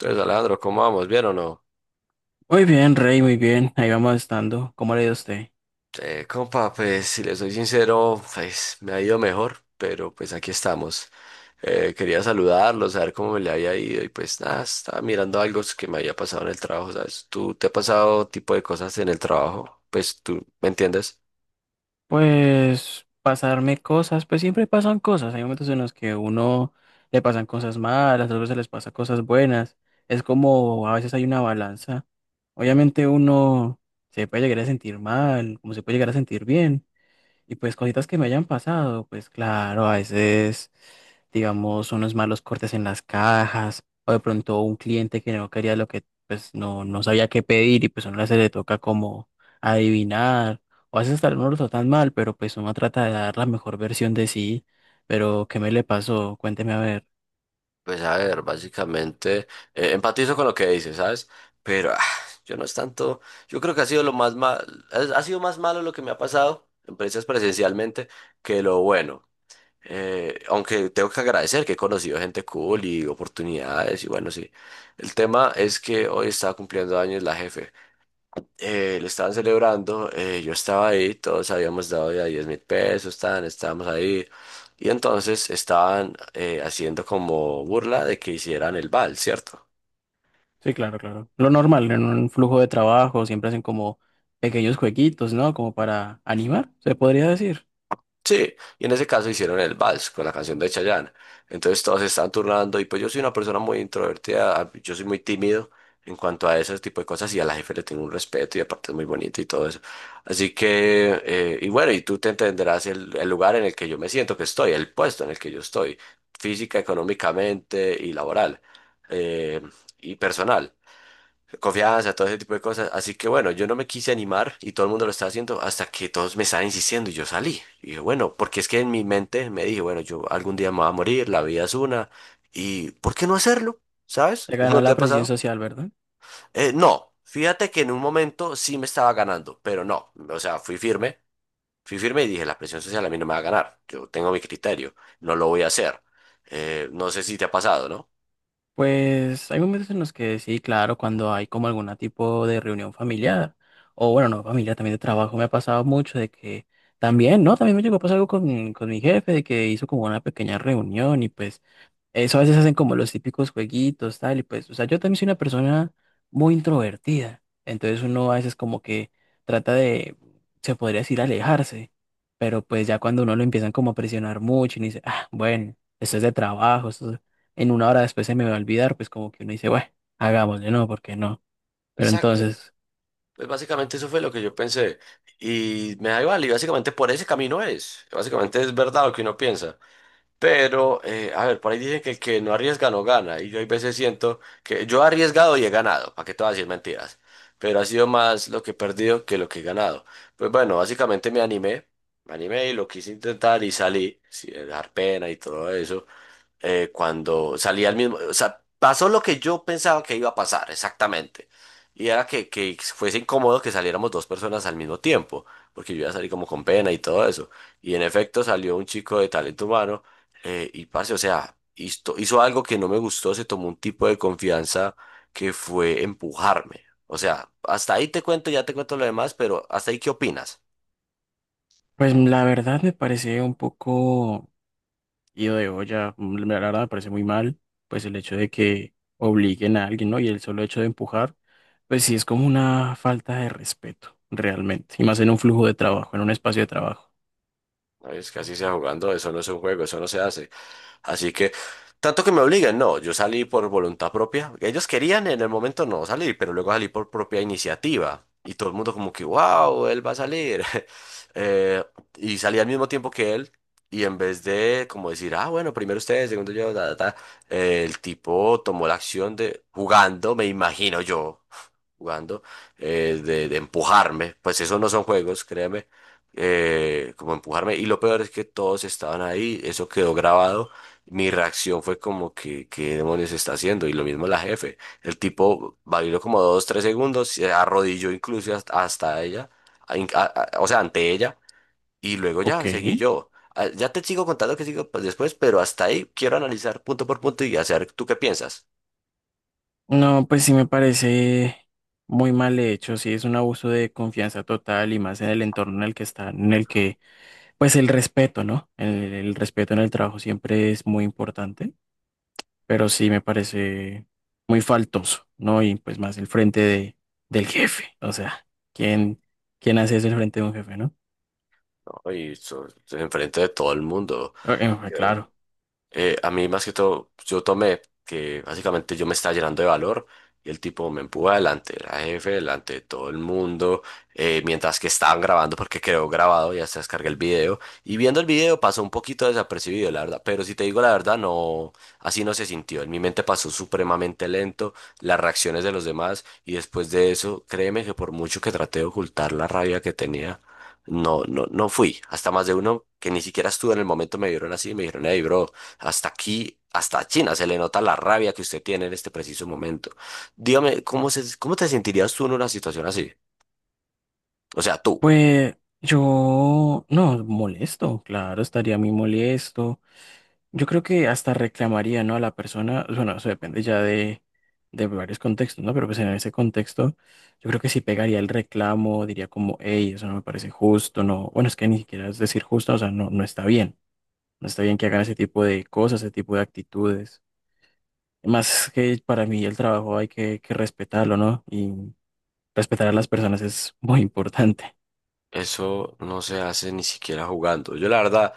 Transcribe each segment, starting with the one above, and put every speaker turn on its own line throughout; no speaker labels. Entonces, Alejandro, ¿cómo vamos? ¿Bien o no?
Muy bien, Rey, muy bien. Ahí vamos estando. ¿Cómo le ha ido a usted?
Compa, pues si le soy sincero, pues me ha ido mejor, pero pues aquí estamos. Quería saludarlo, saber cómo me le había ido y pues nada, estaba mirando algo que me había pasado en el trabajo, ¿sabes? ¿Tú te ha pasado tipo de cosas en el trabajo? Pues tú, ¿me entiendes?
Pues pasarme cosas, pues siempre pasan cosas. Hay momentos en los que uno le pasan cosas malas, otros se les pasa cosas buenas. Es como a veces hay una balanza. Obviamente uno se puede llegar a sentir mal, como se puede llegar a sentir bien. Y pues cositas que me hayan pasado, pues claro, a veces, digamos, unos malos cortes en las cajas, o de pronto un cliente que no quería lo que, pues no, no sabía qué pedir y pues a uno se le toca como adivinar, o a veces tal uno lo tratan mal, pero pues uno trata de dar la mejor versión de sí, pero ¿qué me le pasó? Cuénteme a ver.
Pues a ver, básicamente, empatizo con lo que dices, ¿sabes? Pero yo no es tanto, yo creo que ha sido lo más mal, ha sido más malo lo que me ha pasado, empresas presencialmente, que lo bueno. Aunque tengo que agradecer que he conocido gente cool y oportunidades y bueno, sí. El tema es que hoy estaba cumpliendo años la jefe. Le estaban celebrando, yo estaba ahí, todos habíamos dado ya 10.000 pesos, estábamos ahí. Y entonces estaban haciendo como burla de que hicieran el vals, ¿cierto?
Sí, claro, claro. Lo normal, en un flujo de trabajo siempre hacen como pequeños jueguitos, ¿no? Como para animar, se podría decir.
Sí, y en ese caso hicieron el vals con la canción de Chayanne. Entonces todos se estaban turnando y pues yo soy una persona muy introvertida, yo soy muy tímido en cuanto a ese tipo de cosas y a la jefe le tengo un respeto y aparte es muy bonito y todo eso. Así que, y bueno, y tú te entenderás el lugar en el que yo me siento que estoy, el puesto en el que yo estoy, física, económicamente y laboral eh, y personal confianza, todo ese tipo de cosas. Así que bueno, yo no me quise animar y todo el mundo lo estaba haciendo hasta que todos me estaban insistiendo y yo salí. Y dije, bueno, porque es que en mi mente me dije, bueno, yo algún día me voy a morir, la vida es una, y ¿por qué no hacerlo? ¿Sabes?
Te ganó
¿No te
la
ha
presión
pasado?
social, ¿verdad?
No, fíjate que en un momento sí me estaba ganando, pero no, o sea, fui firme y dije, la presión social a mí no me va a ganar, yo tengo mi criterio, no lo voy a hacer. No sé si te ha pasado, ¿no?
Pues hay momentos en los que sí, claro, cuando hay como algún tipo de reunión familiar, o bueno, no familiar, también de trabajo, me ha pasado mucho de que también, ¿no? También me llegó a pasar algo con mi jefe, de que hizo como una pequeña reunión y pues eso a veces hacen como los típicos jueguitos, tal, y pues, o sea, yo también soy una persona muy introvertida, entonces uno a veces como que trata de, se podría decir, alejarse, pero pues ya cuando uno lo empiezan como a presionar mucho y uno dice, ah, bueno, esto es de trabajo, en una hora después se me va a olvidar, pues como que uno dice, bueno, hagámosle, no, ¿por qué no? Pero
Exacto.
entonces,
Pues básicamente eso fue lo que yo pensé. Y me da igual, y básicamente por ese camino es. Básicamente es verdad lo que uno piensa. Pero, a ver, por ahí dicen que el que no arriesga no gana. Y yo hay veces siento que yo he arriesgado y he ganado, para que te voy a decir mentiras. Pero ha sido más lo que he perdido que lo que he ganado. Pues bueno, básicamente me animé. Me animé y lo quise intentar y salí, sin dar pena y todo eso, cuando salí al mismo, o sea, pasó lo que yo pensaba que iba a pasar, exactamente. Y era que fuese incómodo que saliéramos dos personas al mismo tiempo, porque yo iba a salir como con pena y todo eso. Y en efecto salió un chico de talento humano, y parce, o sea, hizo algo que no me gustó, se tomó un tipo de confianza que fue empujarme. O sea, hasta ahí te cuento, ya te cuento lo demás, pero hasta ahí, ¿qué opinas?
pues la verdad me parece un poco. Y de olla, la verdad me parece muy mal, pues el hecho de que obliguen a alguien, ¿no? Y el solo hecho de empujar, pues sí es como una falta de respeto, realmente. Y más en un flujo de trabajo, en un espacio de trabajo.
Es que así sea jugando, eso no es un juego, eso no se hace. Así que, tanto que me obligan, no, yo salí por voluntad propia. Ellos querían en el momento no salir, pero luego salí por propia iniciativa. Y todo el mundo como que, wow, él va a salir. Eh, y salí al mismo tiempo que él. Y en vez de como decir, ah, bueno, primero ustedes, segundo yo, ta, ta, ta, el tipo tomó la acción de jugando, me imagino yo jugando, de empujarme, pues esos no son juegos, créeme, como empujarme, y lo peor es que todos estaban ahí, eso quedó grabado, mi reacción fue como que, ¿qué demonios está haciendo? Y lo mismo la jefe, el tipo bailó como 2, 3 segundos, se arrodilló incluso hasta, hasta ella, a- in- a- o sea, ante ella, y luego
Ok.
ya seguí yo. Ya te sigo contando que sigo pues, después, pero hasta ahí quiero analizar punto por punto y hacer tú qué piensas,
No, pues sí me parece muy mal hecho, sí es un abuso de confianza total y más en el entorno en el que están, en el que, pues el respeto, ¿no? El respeto en el trabajo siempre es muy importante. Pero sí me parece muy faltoso, ¿no? Y pues más el frente del jefe, o sea, ¿quién, quién hace eso el frente de un jefe? ¿No?
¿no? Y eso, enfrente de todo el mundo.
Eh, claro.
A mí más que todo, yo tomé que básicamente yo me estaba llenando de valor y el tipo me empujó adelante, era jefe, delante de todo el mundo, mientras que estaban grabando, porque quedó grabado, ya se descargué el video y viendo el video pasó un poquito desapercibido, la verdad, pero si te digo la verdad, no, así no se sintió, en mi mente pasó supremamente lento, las reacciones de los demás y después de eso, créeme que por mucho que traté de ocultar la rabia que tenía, no, no, no fui, hasta más de uno que ni siquiera estuvo en el momento me vieron así y me dijeron, hey, bro. Hasta aquí, hasta China, se le nota la rabia que usted tiene en este preciso momento. Dígame, ¿cómo se, cómo te sentirías tú en una situación así? O sea, tú.
Pues yo, no, molesto, claro, estaría muy molesto. Yo creo que hasta reclamaría, ¿no? A la persona, bueno, eso depende ya de varios contextos, ¿no? Pero pues en ese contexto, yo creo que sí pegaría el reclamo, diría como, hey, eso no me parece justo, no, bueno, es que ni siquiera es decir justo, o sea, no, no está bien. No está bien que hagan ese tipo de cosas, ese tipo de actitudes. Más que para mí el trabajo hay que respetarlo, ¿no? Y respetar a las personas es muy importante.
Eso no se hace ni siquiera jugando. Yo la verdad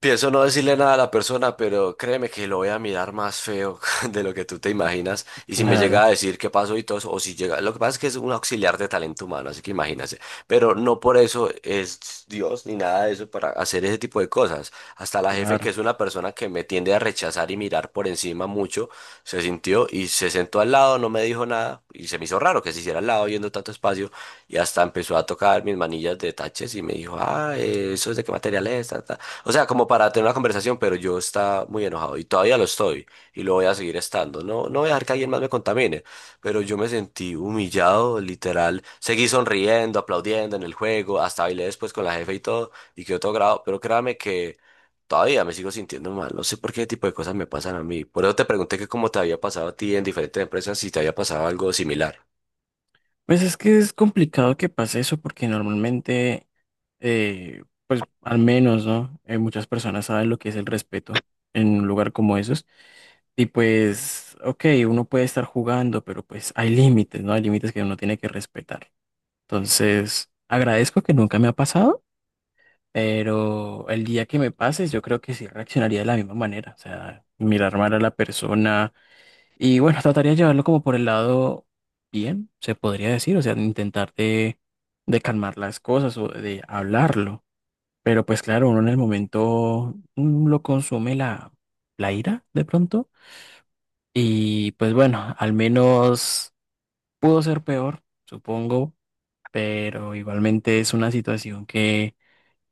pienso no decirle nada a la persona, pero créeme que lo voy a mirar más feo de lo que tú te imaginas. Y si me llega
Claro,
a decir qué pasó y todo eso, o si llega, lo que pasa es que es un auxiliar de talento humano, así que imagínate. Pero no por eso es Dios ni nada de eso para hacer ese tipo de cosas. Hasta la jefe, que
claro.
es una persona que me tiende a rechazar y mirar por encima mucho, se sintió y se sentó al lado, no me dijo nada y se me hizo raro que se hiciera al lado viendo tanto espacio y hasta empezó a tocar mis manillas de taches y me dijo, ah, eso es de qué material es, ta, ta. O sea, como para tener una conversación, pero yo estaba muy enojado y todavía lo estoy y lo voy a seguir estando. No, no voy a dejar que alguien más me contamine, pero yo me sentí humillado, literal. Seguí sonriendo, aplaudiendo en el juego, hasta bailé después con la jefe y todo y quedó todo grabado, pero créame que todavía me sigo sintiendo mal. No sé por qué tipo de cosas me pasan a mí. Por eso te pregunté que cómo te había pasado a ti en diferentes empresas, si te había pasado algo similar.
Pues es que es complicado que pase eso porque normalmente, pues al menos, ¿no? Muchas personas saben lo que es el respeto en un lugar como esos. Y pues, ok, uno puede estar jugando, pero pues hay límites, ¿no? Hay límites que uno tiene que respetar. Entonces, agradezco que nunca me ha pasado. Pero el día que me pases, yo creo que sí reaccionaría de la misma manera. O sea, mirar mal a la persona. Y bueno, trataría de llevarlo como por el lado bien, se podría decir. O sea, intentar de calmar las cosas o de hablarlo. Pero pues claro, uno en el momento lo consume la ira de pronto. Y pues bueno, al menos pudo ser peor, supongo. Pero igualmente es una situación que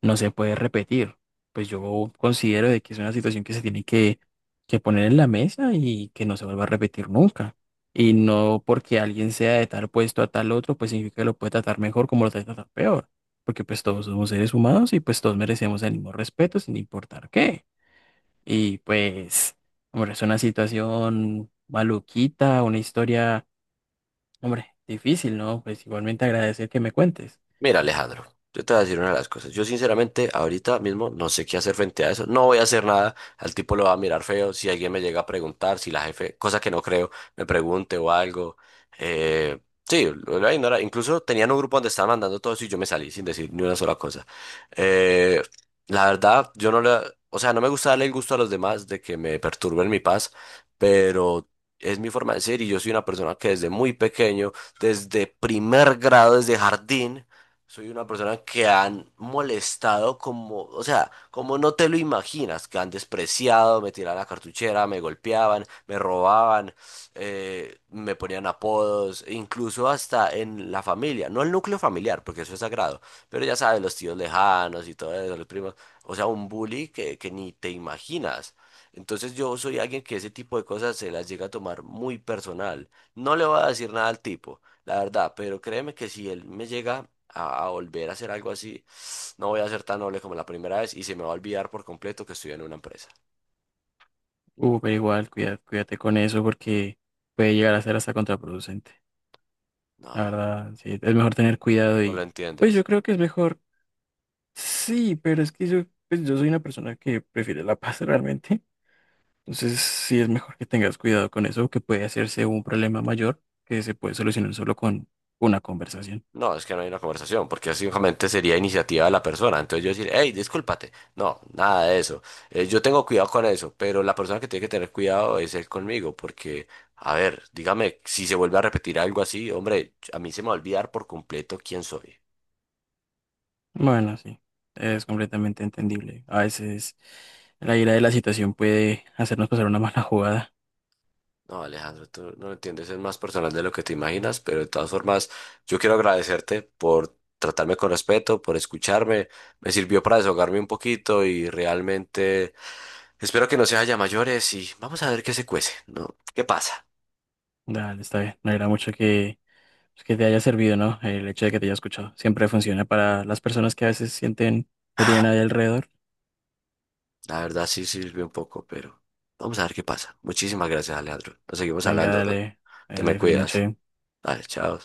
no se puede repetir. Pues yo considero de que es una situación que se tiene que poner en la mesa y que no se vuelva a repetir nunca. Y no porque alguien sea de tal puesto a tal otro, pues significa que lo puede tratar mejor como lo tratar peor. Porque pues todos somos seres humanos y pues todos merecemos el mismo respeto sin importar qué. Y pues, hombre, es una situación maluquita, una historia, hombre, difícil, ¿no? Pues igualmente agradecer que me cuentes.
Mira, Alejandro, yo te voy a decir una de las cosas. Yo sinceramente ahorita mismo no sé qué hacer frente a eso. No voy a hacer nada. Al tipo lo va a mirar feo. Si alguien me llega a preguntar, si la jefe, cosa que no creo, me pregunte o algo. Eh, sí, lo voy a ignorar. Incluso tenían un grupo donde estaban mandando todo eso y yo me salí sin decir ni una sola cosa. Eh, la verdad, yo no le... O sea, no me gusta darle el gusto a los demás de que me perturben mi paz, pero... Es mi forma de ser y yo soy una persona que desde muy pequeño, desde 1.er grado, desde jardín, soy una persona que han molestado como, o sea, como no te lo imaginas, que han despreciado, me tiraban la cartuchera, me golpeaban, me robaban, me ponían apodos, e incluso hasta en la familia, no el núcleo familiar, porque eso es sagrado, pero ya sabes, los tíos lejanos y todo eso, los primos, o sea, un bully que ni te imaginas. Entonces yo soy alguien que ese tipo de cosas se las llega a tomar muy personal. No le voy a decir nada al tipo, la verdad, pero créeme que si él me llega a, volver a hacer algo así, no voy a ser tan noble como la primera vez y se me va a olvidar por completo que estoy en una empresa.
Pero igual, cuídate con eso porque puede llegar a ser hasta contraproducente. La
No,
verdad, sí, es mejor tener cuidado
no lo
y pues yo
entiendes.
creo que es mejor. Sí, pero es que pues yo soy una persona que prefiere la paz realmente. Entonces, sí es mejor que tengas cuidado con eso, que puede hacerse un problema mayor que se puede solucionar solo con una conversación.
No, es que no hay una conversación, porque simplemente sería iniciativa de la persona. Entonces yo decir, hey, discúlpate. No, nada de eso. Yo tengo cuidado con eso, pero la persona que tiene que tener cuidado es él conmigo, porque, a ver, dígame, si se vuelve a repetir algo así, hombre, a mí se me va a olvidar por completo quién soy.
Bueno, sí, es completamente entendible. A veces la ira de la situación puede hacernos pasar una mala jugada.
No, Alejandro, tú no lo entiendes, es más personal de lo que te imaginas, pero de todas formas, yo quiero agradecerte por tratarme con respeto, por escucharme. Me sirvió para desahogarme un poquito y realmente espero que no se haya mayores y vamos a ver qué se cuece, ¿no? ¿Qué pasa?
Dale, está bien. Me alegra mucho que. Pues que te haya servido, ¿no? El hecho de que te haya escuchado. Siempre funciona para las personas que a veces sienten que no tienen
Ah,
nadie alrededor.
La verdad sí sirvió un poco, pero vamos a ver qué pasa. Muchísimas gracias, Alejandro. Nos seguimos
Venga,
hablando, bro.
dale,
Te me
dale, feliz
cuidas.
noche.
Vale, chao.